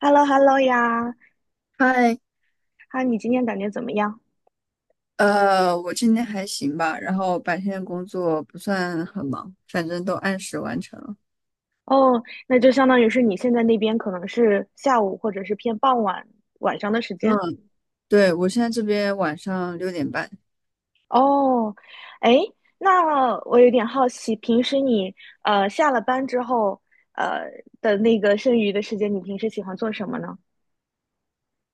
h e l l o h e l l o 呀，嗨，啊，你今天感觉怎么样？我今天还行吧，然后白天的工作不算很忙，反正都按时完成了。哦，那就相当于是你现在那边可能是下午或者是偏傍晚晚上的时嗯，间。对，我现在这边晚上6点半。哦，哎，那我有点好奇，平时你下了班之后呃的那个剩余的时间，你平时喜欢做什么呢？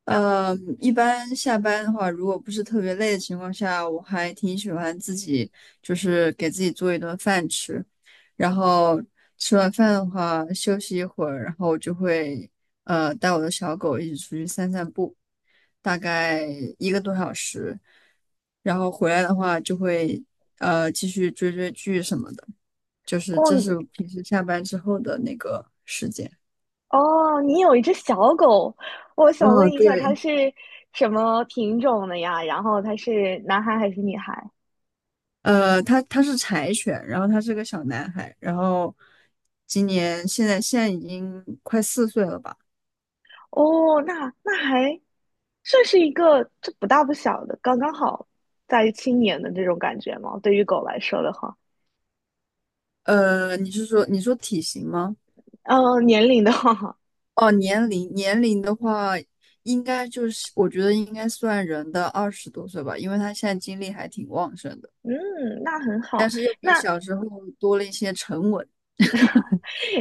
呃，一般下班的话，如果不是特别累的情况下，我还挺喜欢自己，就是给自己做一顿饭吃，然后吃完饭的话，休息一会儿，然后我就会带我的小狗一起出去散散步，大概1个多小时，然后回来的话就会继续追追剧什么的，就是哦这是我你平时下班之后的那个时间。哦，你有一只小狗，我想问嗯，一下它对。是什么品种的呀？然后它是男孩还是女孩？他是柴犬，然后他是个小男孩，然后今年现在已经快4岁了吧？哦，那还算是一个这不大不小的，刚刚好在青年的这种感觉嘛。对于狗来说的话，你说体型吗？年龄的话，哦，年龄的话，应该就是我觉得应该算人的20多岁吧，因为他现在精力还挺旺盛的，嗯，那很好。但是又比那小时候多了一些沉稳。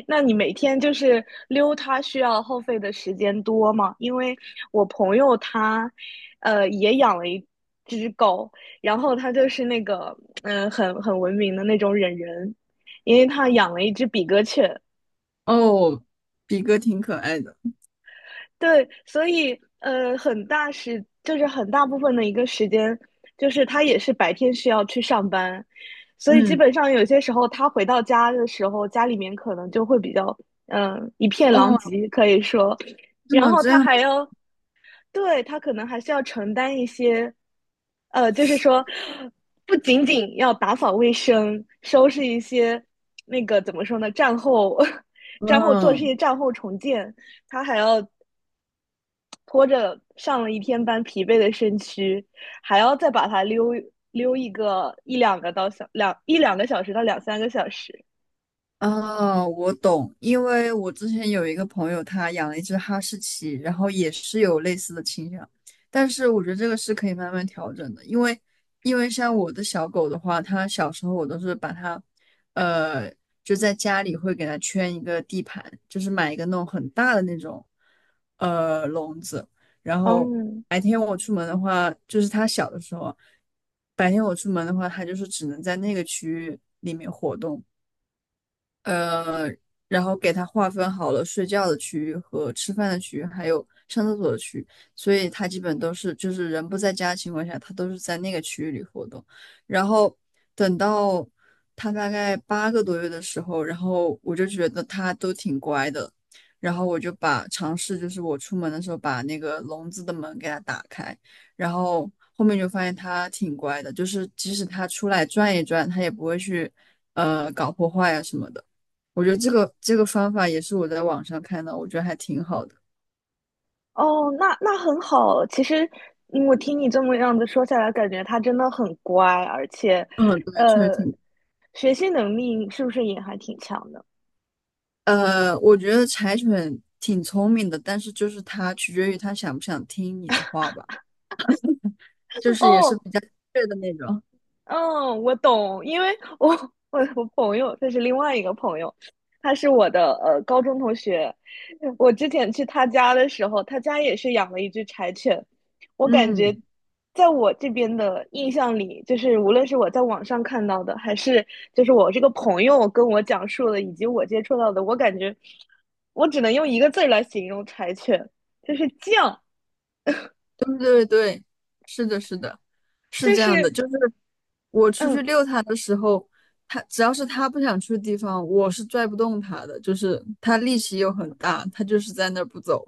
那你每天就是溜它需要耗费的时间多吗？因为我朋友他，也养了一只狗，然后他就是那个，很文明的那种忍人，因为他养了一只比格犬，哦，比哥挺可爱的。对，所以很大时就是很大部分的一个时间，就是他也是白天需要去上班，所以基嗯，本上有些时候他回到家的时候，家里面可能就会比较一片狼哦，藉，可以说，是然吗？后这他样的，还要，对，他可能还是要承担一些就是说不仅仅要打扫卫生，收拾一些那个怎么说呢，战后 战后做这嗯。些战后重建。他还要拖着上了一天班疲惫的身躯，还要再把它溜一两个小时到两三个小时。啊，我懂，因为我之前有一个朋友，他养了一只哈士奇，然后也是有类似的倾向，但是我觉得这个是可以慢慢调整的，因为像我的小狗的话，它小时候我都是把它，呃，就在家里会给它圈一个地盘，就是买一个那种很大的那种，笼子，然后嗯，白天我出门的话，就是它小的时候，白天我出门的话，它就是只能在那个区域里面活动。呃，然后给它划分好了睡觉的区域和吃饭的区域，还有上厕所的区域，所以它基本都是就是人不在家的情况下，它都是在那个区域里活动。然后等到它大概8个多月的时候，然后我就觉得它都挺乖的，然后我就把尝试就是我出门的时候把那个笼子的门给它打开，然后后面就发现它挺乖的，就是即使它出来转一转，它也不会去。搞破坏啊什么的。我觉得这个方法也是我在网上看到，我觉得还挺好的。哦，那很好。其实我听你这么样子说下来，感觉他真的很乖，而且，嗯，对，确实呃，挺，学习能力是不是也还挺强的？我觉得柴犬挺聪明的，但是就是它取决于它想不想听你的话吧，就是也是哦，比较倔的那种。嗯，我懂，因为我朋友这是另外一个朋友，他是我的高中同学。我之前去他家的时候，他家也是养了一只柴犬。我感觉，嗯，在我这边的印象里，就是无论是我在网上看到的，还是就是我这个朋友跟我讲述的，以及我接触到的，我感觉我只能用一个字儿来形容柴犬，就是犟，对对对，是的，是的，是就这样的，是就是我出去嗯，遛它的时候，它只要是它不想去的地方，我是拽不动它的，就是它力气又很大，它就是在那儿不走。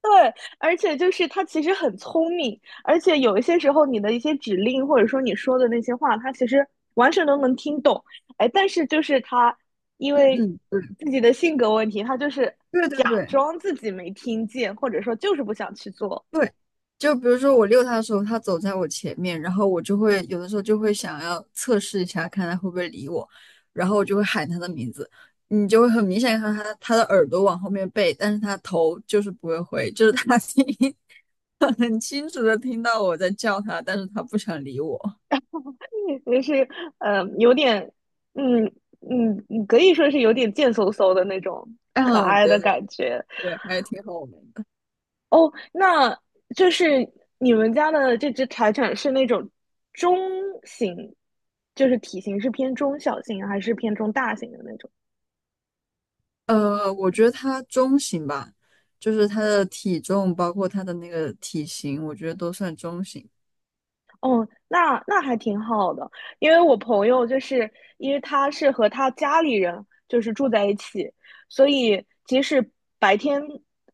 对，而且就是他其实很聪明，而且有一些时候你的一些指令或者说你说的那些话，他其实完全都能听懂。哎，但是就是他因为嗯嗯，自己的性格问题，他就是对对对假对。装自己没听见，或者说就是不想去做，对，就比如说我遛它的时候，它走在我前面，然后我就会有的时候就会想要测试一下，看它会不会理我，然后我就会喊它的名字，你就会很明显看到它的耳朵往后面背，但是它头就是不会回，就是它听 很清楚的听到我在叫它，但是它不想理我。就是有点嗯可以说是有点贱嗖嗖的那种可啊，爱的对对感觉。对，还是挺好玩的。哦，那就是你们家的这只柴犬是那种中型，就是体型是偏中小型还是偏中大型的那种？我觉得它中型吧，就是它的体重，包括它的那个体型，我觉得都算中型。哦，那还挺好的，因为我朋友就是因为他是和他家里人就是住在一起，所以即使白天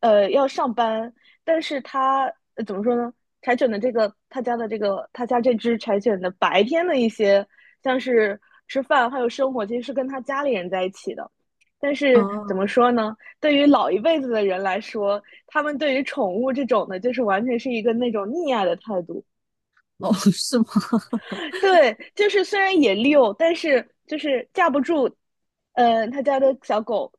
要上班，但是他怎么说呢？柴犬的这个他家的这个他家这只柴犬的白天的一些像是吃饭还有生活，其实是跟他家里人在一起的。但是怎么啊。说呢？对于老一辈子的人来说，他们对于宠物这种的，就是完全是一个那种溺爱的态度。哦，是吗？对，就是虽然也溜，但是就是架不住，他家的小狗，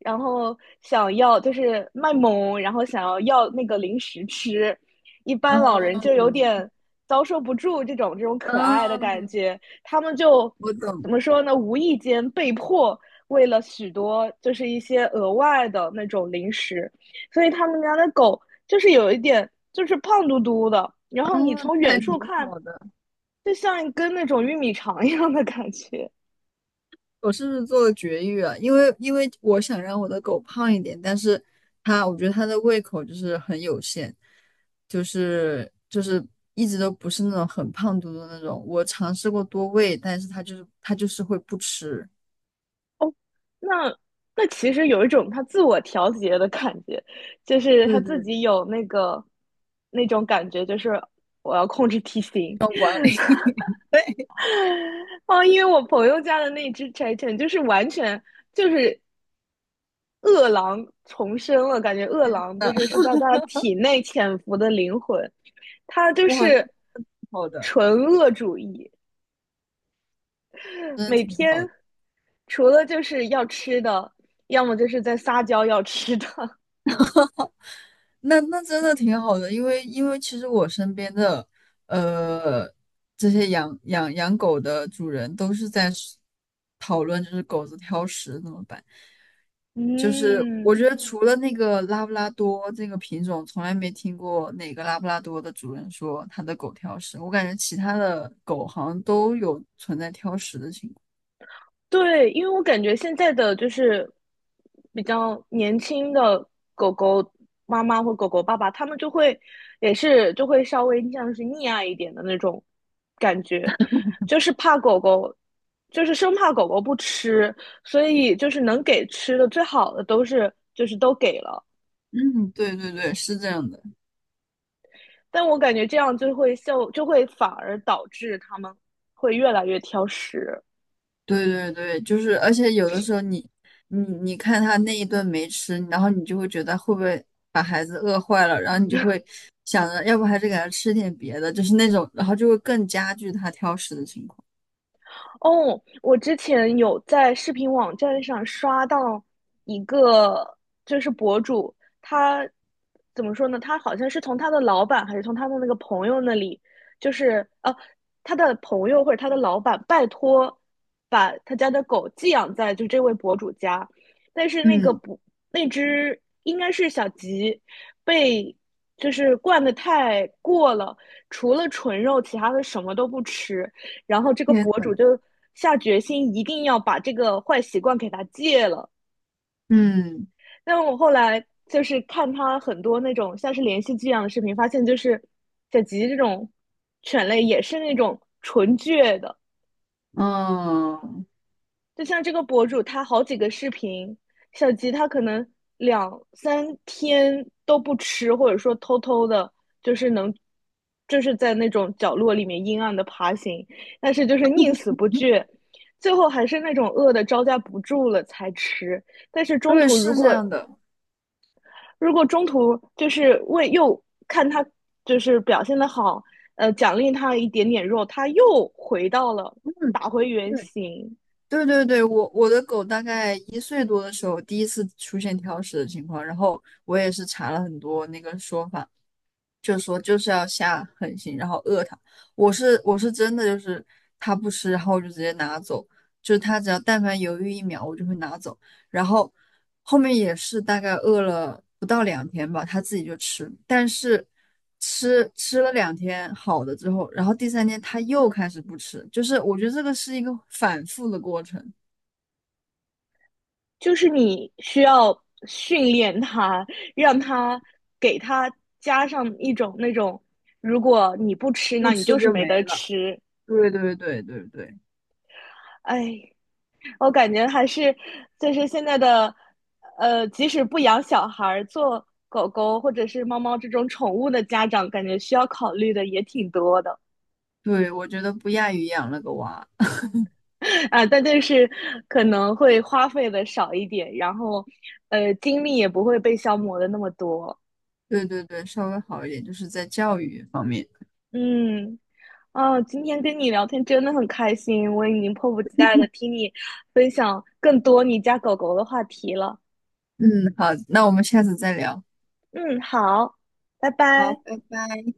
然后想要就是卖萌，然后想要那个零食吃，一般老哦，人就有点遭受不住这种可爱的感嗯，觉，他们就我怎懂。么说呢？无意间被迫为了许多就是一些额外的那种零食，所以他们家的狗就是有一点就是胖嘟嘟的，然后你嗯，从那远还处挺看。好的。就像一根那种玉米肠 一样的感觉。我是做了绝育啊，因为我想让我的狗胖一点，但是它，我觉得它的胃口就是很有限，就是一直都不是那种很胖嘟嘟的那种。我尝试过多喂，但是它就是会不吃。哦，那那其实有一种他自我调节的感觉，就是他对自对，己有那个那种感觉，就是我要控制体型。要管理 哦，因为我朋友家的那只柴犬就是完全就是饿狼重生了，感觉饿狼就的，是是在他 体内潜伏的灵魂，他就哇，那是么好的，纯恶主义。真的每挺天好。除了就是要吃的，要么就是在撒娇要吃的。那真的挺好的，因为其实我身边的呃这些养狗的主人都是在是讨论，就是狗子挑食怎么办。就是我嗯，觉得除了那个拉布拉多这个品种，从来没听过哪个拉布拉多的主人说他的狗挑食。我感觉其他的狗好像都有存在挑食的情况。对，因为我感觉现在的就是比较年轻的狗狗妈妈或狗狗爸爸，他们就会也是就会稍微像是溺爱一点的那种感觉，就是怕狗狗，就是生怕狗狗不吃，所以就是能给吃的最好的都是就是都给了。嗯，对对对，是这样的。但我感觉这样就会反而导致他们会越来越挑食。对对对，就是，而且有的时候你，你看他那一顿没吃，然后你就会觉得会不会把孩子饿坏了，然后你就会想着，要不还是给他吃点别的，就是那种，然后就会更加剧他挑食的情况。哦，我之前有在视频网站上刷到一个，就是博主，他怎么说呢？他好像是从他的老板还是从他的那个朋友那里，就是他的朋友或者他的老板拜托把他家的狗寄养在就这位博主家，但是那个嗯，不，那只应该是小吉，被就是惯的太过了，除了纯肉，其他的什么都不吃。然后这个天博呐，主就下决心一定要把这个坏习惯给他戒了。嗯但我后来就是看他很多那种像是连续剧一样的视频，发现就是小吉这种犬类也是那种纯倔的，嗯，就像这个博主，他好几个视频，小吉他可能两三天都不吃，或者说偷偷的，就是能，就是在那种角落里面阴暗的爬行，但是就是宁死不惧，最后还是那种饿的招架不住了才吃。但是中对，途如是这果样的。如果中途就是看他就是表现的好，奖励他一点点肉，他又回到了嗯打回原对形。对对对，我的狗大概1岁多的时候第一次出现挑食的情况，然后我也是查了很多那个说法。就说就是要下狠心，然后饿它。我是真的就是它不吃，然后我就直接拿走，就是它只要但凡犹豫1秒，我就会拿走。然后后面也是大概饿了不到两天吧，它自己就吃，但是吃了两天好了之后，然后第三天它又开始不吃，就是我觉得这个是一个反复的过程，就是你需要训练它，让它给它加上一种那种，如果你不吃，那不你吃就是就没没得了。吃。对对对对对哎，我感觉还是就是现在的，即使不养小孩儿，做狗狗或者是猫猫这种宠物的家长，感觉需要考虑的也挺多的 对，我觉得不亚于养了个娃。啊，但就是可能会花费的少一点，然后，精力也不会被消磨的那么多。对对对，稍微好一点，就是在教育方面。嗯。啊，今天跟你聊天真的很开心，我已经迫不及待的听你分享更多你家狗狗的话题了。嗯，好，那我们下次再聊。嗯，好，拜好，拜。拜拜。